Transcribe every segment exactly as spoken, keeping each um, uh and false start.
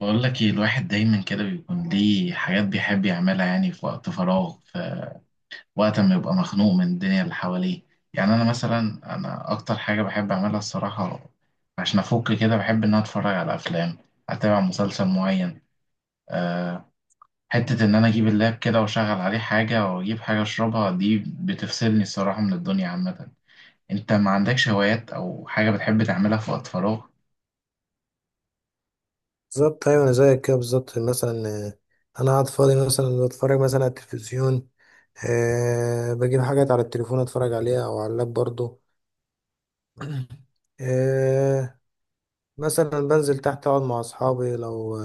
بقول لك ايه، الواحد دايما كده بيكون ليه حاجات بيحب يعملها، يعني في وقت فراغ، في وقت ما يبقى مخنوق من الدنيا اللي حواليه. يعني انا مثلا، انا اكتر حاجة بحب اعملها الصراحة عشان افك كده، بحب ان انا اتفرج على افلام، اتابع مسلسل معين. أه حتة ان انا اجيب اللاب كده واشغل عليه حاجة واجيب حاجة اشربها، دي بتفصلني الصراحة من الدنيا عامة. انت ما عندكش هوايات او حاجة بتحب تعملها في وقت فراغ؟ بالظبط ايوه انا زيك كده بالظبط مثلا آه، انا قاعد فاضي مثلا بتفرج مثلا على التلفزيون. أه بجيب حاجات على التليفون اتفرج عليها او على اللاب برضو. أه مثلا بنزل تحت اقعد مع اصحابي لو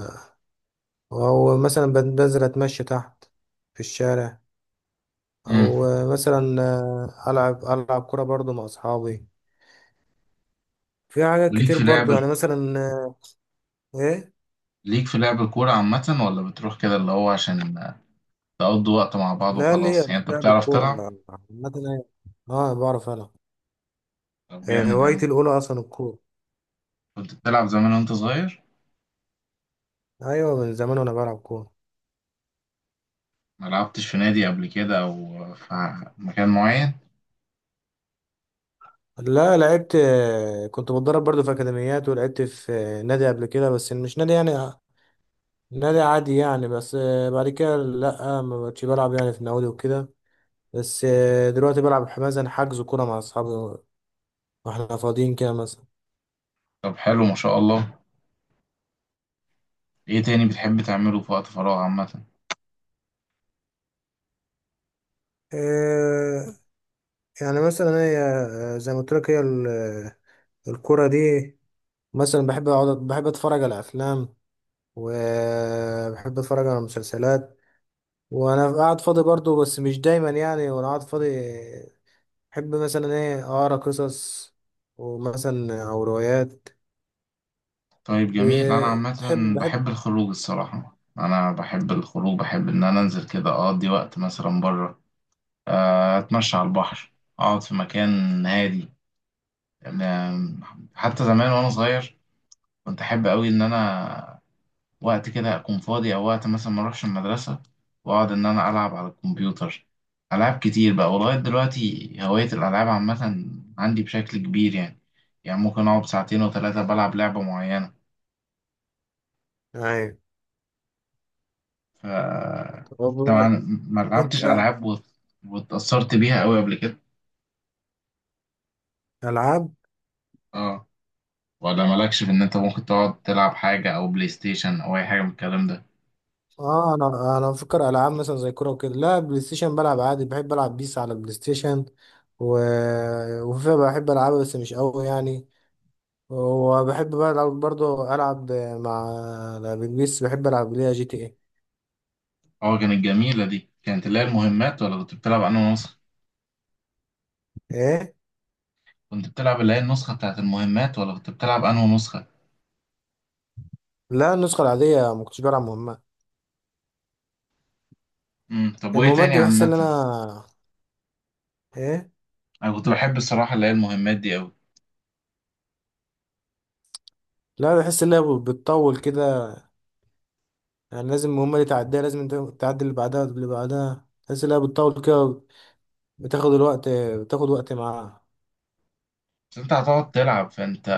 او مثلا بن- بنزل اتمشى تحت في الشارع. مم. او آه، مثلا آه، العب العب كرة برضو مع اصحابي. في حاجات وليك كتير في لعب برضو يعني مثلا آه، ايه. ليك في لعب الكورة عامة، ولا بتروح كده اللي هو عشان تقضوا وقت مع بعض لا ليه وخلاص، يعني انت لعب بتعرف الكورة تلعب؟ عامة أنا- اه بعرف العب. طب آه، جامد يا هوايتي عم. الأولى أصلا الكورة. كنت بتلعب زمان وانت صغير؟ أيوة من زمان وأنا بلعب كورة. ما لعبتش في نادي قبل كده او في مكان معين؟ لا لعبت، آه، كنت بتدرب برضو في أكاديميات ولعبت في آه، نادي قبل كده، بس مش نادي يعني آه، نادي عادي يعني. بس آه، بعد كده لأ، ما بقتش بلعب يعني في نوادي وكده. بس آه، دلوقتي بلعب مثلا حجز كورة مع أصحابي وإحنا فاضيين كده مثلا. طب حلو ما شاء الله. ايه تاني بتحب تعمله في وقت فراغ عامة؟ آه، يعني مثلا هي آه، زي ما قلت لك، هي ال- آه، الكورة دي، مثلا بحب أقعد بحب أتفرج على أفلام وبحب أتفرج على مسلسلات وانا قاعد فاضي برضو، بس مش دايما يعني. وانا قاعد فاضي بحب مثلا ايه اقرا قصص ومثلا او روايات. طيب جميل. انا عامة بتحب بحب بحب الخروج الصراحة، انا بحب الخروج، بحب ان انا انزل كده اقضي وقت مثلا بره. آه، اتمشى على البحر، اقعد في مكان هادي. آم، حتى زمان وانا صغير كنت احب قوي ان انا وقت كده أكون فاضي أو وقت مثلا ما أروحش المدرسة، وأقعد إن أنا ألعب على الكمبيوتر ألعاب كتير بقى. ولغاية دلوقتي هواية الألعاب عامة عندي بشكل كبير يعني، يعني ممكن أقعد ساعتين وثلاثة بلعب لعبة معينة. يعني. ف طب طبعا. ما انت لعبتش ألعاب وت- واتأثرت بيها أوي قبل كده؟ العاب؟ اه. ولا مالكش في إن أنت ممكن تقعد تلعب حاجة أو بلاي ستيشن أو أي حاجة من الكلام ده؟ اه انا انا بفكر العاب مثلا زي كوره وكده لا، بلاي ستيشن بلعب عادي، بحب العب بيس على البلاي ستيشن و... وفيفا بحب العبها بس مش قوي يعني. وبحب بلعب برضو، العب مع البيس بحب العب ليها جي تي ايه. اه كانت جميلة. دي كانت اللي هي المهمات، ولا كنت بتلعب أنا ونص؟ ايه. كنت بتلعب اللي هي النسخة بتاعت المهمات، ولا كنت بتلعب أنهي نسخة؟ لا، النسخة العادية، ما كنتش بلعب مهمات. امم طب وإيه المهمات تاني دي بحس ان عامة؟ انا ايه. أنا كنت بحب الصراحة اللي هي المهمات دي أوي. لا بحس ان هي بتطول كده يعني. لازم المهمة دي تعديها، لازم انت تعدي اللي بعدها واللي بعدها، بحس ان هي بتطول كده، بتاخد الوقت، بتاخد وقت معاها. بس أنت هتقعد تلعب، فأنت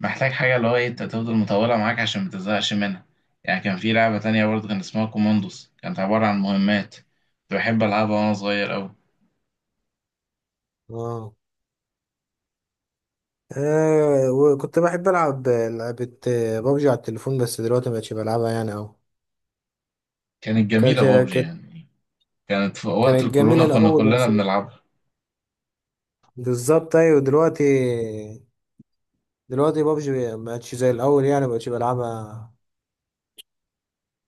محتاج حاجة اللي هو إيه، أنت تفضل مطولة معاك عشان متزهقش منها. يعني كان في لعبة تانية برضه كان اسمها كوماندوس، كانت عبارة عن مهمات، كنت بحب ألعبها وأنا صغير أوي. اه. آه، وكنت بحب العب لعبة بابجي على التليفون، بس دلوقتي مبقتش بلعبها يعني اوي. كانت كانت جميلة بابجي كانت يعني. كانت في وقت كانت جميلة الكورونا كنا الأول كلنا بس. بنلعبها. بالظبط أيوة، دلوقتي دلوقتي بابجي مبقتش زي الأول يعني، مبقتش بلعبها.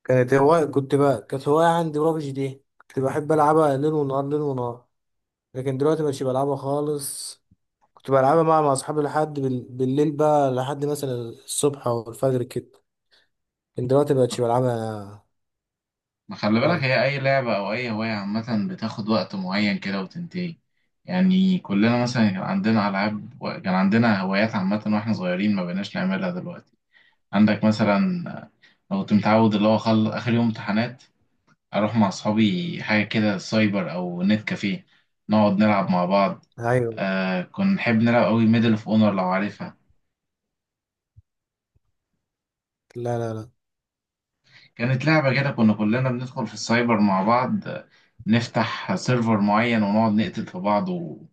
كانت هواية كنت بقى، كانت هواية عندي بابجي دي، كنت بحب ألعبها ليل ونهار ليل ونهار. لكن دلوقتي مبقتش بلعبها خالص. كنت بلعبها مع مع أصحابي لحد بال... بالليل بقى، لحد مثلا الصبح أو الفجر كده، لكن دلوقتي مبقتش بلعبها ما خلي بالك، خالص. هي أي لعبة أو أي هواية عامة بتاخد وقت معين كده وتنتهي. يعني كلنا مثلا كان عندنا ألعاب و- كان عندنا هوايات عامة وإحنا صغيرين، ما بقيناش نعملها دلوقتي. عندك مثلا، أنا كنت متعود اللي هو خل... آخر يوم امتحانات أروح مع أصحابي حاجة كده سايبر أو نت كافيه، نقعد نلعب مع بعض. أيوة. آه كنا نحب نلعب أوي ميدل أوف أونر لو عارفها. لا لا لا. كانت لعبة كده كنا كلنا بندخل في السايبر مع بعض، آه، نفتح سيرفر معين ونقعد نقتل في بعض و...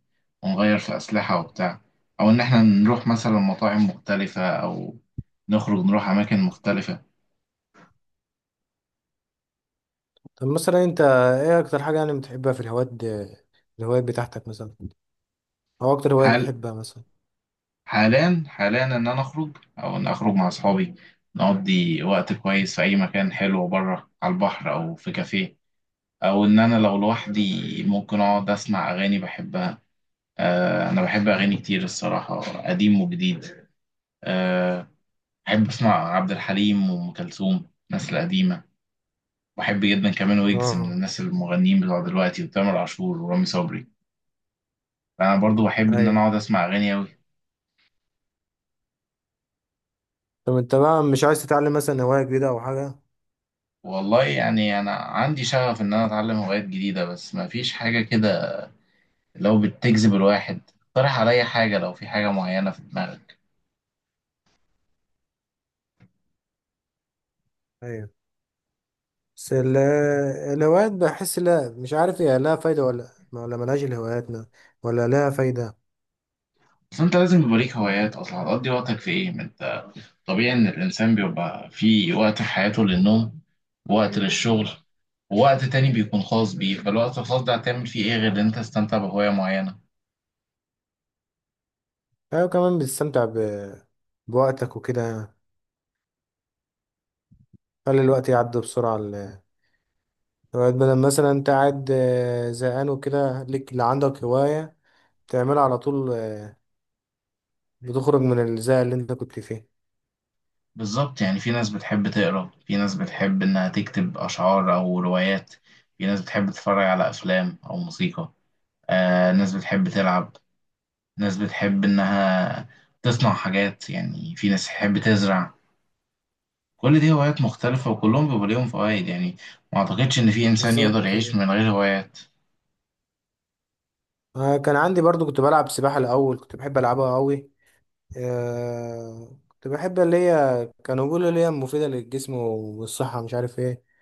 ونغير في أسلحة وبتاع، أو إن إحنا نروح مثلا مطاعم مختلفة أو نخرج نروح أماكن مختلفة. طب مثلا أنت إيه أكتر حاجة يعني بتحبها في الهوايات دي- الهوايات بتاعتك مثلا، أو أكتر هواية حال بتحبها مثلا؟ حاليا حاليا إن أنا أخرج أو إن أخرج مع أصحابي، نقضي وقت كويس في أي مكان حلو بره على البحر أو في كافيه، أو إن أنا لو لوحدي ممكن أقعد أسمع أغاني بحبها. آه، أنا بحب أغاني كتير الصراحة، قديم وجديد. آه، أحب أسمع عبد الحليم وأم كلثوم الناس القديمة، وأحب جدا كمان ويجز من آه. الناس المغنيين بتوع دلوقتي، وتامر عاشور ورامي صبري. أنا برضو بحب إن أنا أيوة. أقعد أسمع أغاني أوي. طب أنت بقى مش عايز تتعلم مثلا هواية جديدة أو حاجة؟ والله يعني أنا عندي شغف إن أنا أتعلم هوايات جديدة، بس مفيش حاجة كده لو بتجذب الواحد. اقترح عليا حاجة لو في حاجة معينة في دماغك. أيوة، بس ال- الهوايات بحس، لا مش عارف هي لها فايدة ولا ولا ملهاش، الهواياتنا ولا لها فايدة. بس أنت لازم يبقى ليك هوايات أصلا، هتقضي وقتك في إيه؟ طبيعي إن الإنسان بيبقى في وقت في حياته للنوم، ووقت للشغل، ووقت تاني بيكون خاص بيه، فالوقت الخاص ده هتعمل فيه إيه غير إن أنت تستمتع بهواية معينة؟ أيوة، كمان بتستمتع ب... بوقتك وكده يعني. خلي الوقت يعدي بسرعة، ال- الهوايات، بدل مثلا أنت قاعد آه، زهقان وكده، ليك اللي عندك هواية تعملها على طول. آه، بتخرج من الزهق اللي أنت كنت فيه. بالظبط، يعني في ناس بتحب تقرأ، في ناس بتحب إنها تكتب أشعار أو روايات، في ناس بتحب تتفرج على أفلام أو موسيقى، آه ناس بتحب تلعب، ناس بتحب إنها تصنع حاجات، يعني في ناس تحب تزرع. كل دي هوايات مختلفة وكلهم بيبقى ليهم فوائد يعني. ما أعتقدش إن في إنسان يقدر بالظبط. يعيش من غير هوايات. آه، كان عندي برضو كنت بلعب سباحة الأول، كنت بحب ألعبها أوي. آه، كنت بحب اللي هي كانوا بيقولوا اللي هي مفيدة للجسم والصحة مش عارف ايه.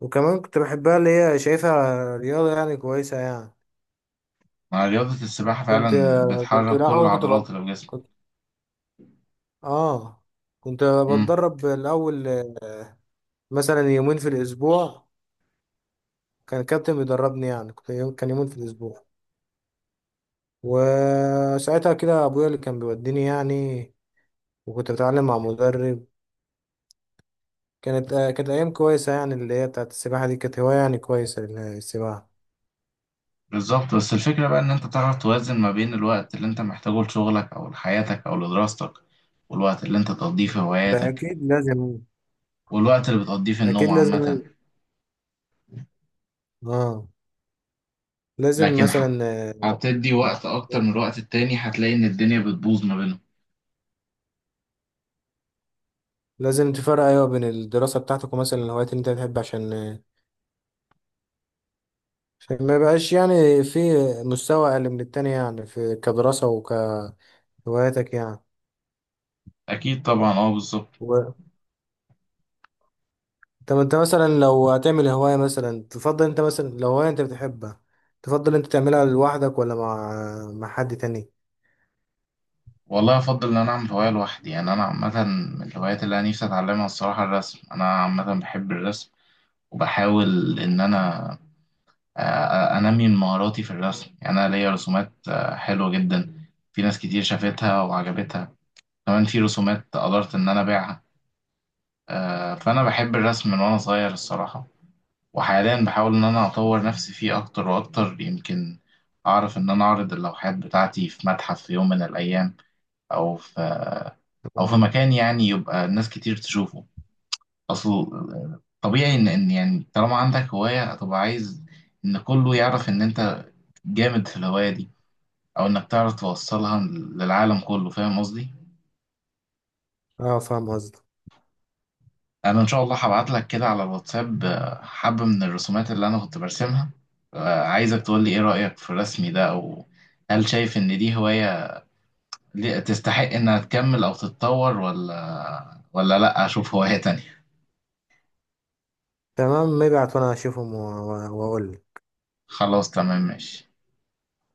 وكمان كنت بحبها اللي هي شايفها رياضة يعني كويسة يعني. مع رياضة السباحة كنت فعلا كنت بتحرك كل الأول كنت العضلات بط... اللي في جسمك. كنت آه كنت امم. بتدرب الأول مثلا يومين في الأسبوع. كان الكابتن بيدربني يعني، كنت يوم... كان يومين في الأسبوع، وساعتها كده أبويا اللي كان بيوديني يعني، وكنت بتعلم مع مدرب. كانت آه، كانت أيام كويسة يعني، اللي هي بتاعت السباحة دي، كانت هواية يعني كويسة، السباحة. بالظبط، بس الفكرة بقى إن أنت تعرف توازن ما بين الوقت اللي أنت محتاجه لشغلك أو لحياتك أو لدراستك، والوقت اللي أنت تقضيه في ده هواياتك، أكيد لازم. والوقت اللي بتقضيه في النوم أكيد عامة. لازم. آه. لازم لكن مثلا، ح- هتدي وقت أكتر من الوقت التاني، هتلاقي إن الدنيا بتبوظ ما بينهم. لازم تفرق ايوه بين الدراسه بتاعتك ومثلا الهوايات اللي انت بتحب، عشان عشان ما يبقاش يعني في مستوى اقل من التاني يعني، في كدراسه وكهواياتك يعني. أكيد طبعا، أه بالظبط. و... طب انت مثلا لو هتعمل هوايه، مثلا تفضل انت مثلا لو هوايه انت بتحبها، تفضل انت تعملها لوحدك ولا مع مع حد تاني؟ والله أفضل إن أنا أعمل هواية لوحدي. يعني أنا عامة من الهوايات اللي أنا نفسي أتعلمها الصراحة الرسم، أنا عامة بحب الرسم. وبحاول إن أنا آه، انمي من مهاراتي في الرسم، يعني انا ليا رسومات آه، حلوه جدا، في ناس كتير شافتها وعجبتها. كمان في رسومات قدرت ان انا ابيعها. آه، فانا بحب الرسم من وانا صغير الصراحه، وحاليا بحاول ان انا اطور نفسي فيه اكتر واكتر، يمكن اعرف ان انا اعرض اللوحات بتاعتي في متحف في يوم من الايام، او في آه، او في اه. مكان يعني يبقى ناس كتير تشوفه. اصل طبيعي ان ان يعني طالما عندك هواية هتبقى عايز ان كله يعرف ان انت جامد في الهواية دي، او انك تعرف توصلها للعالم كله، فاهم قصدي؟ آه، فاهم قصدك. انا ان شاء الله هبعت لك كده على الواتساب آه، حبة من الرسومات اللي انا كنت برسمها، آه، عايزك تقول لي ايه رأيك في رسمي ده، او هل شايف ان دي هواية ليه- تستحق انها تكمل او تتطور، ولا ولا لا اشوف هواية تانية. تمام maybe وانا اشوفهم و- و- واقول لك. خلاص تمام ماشي.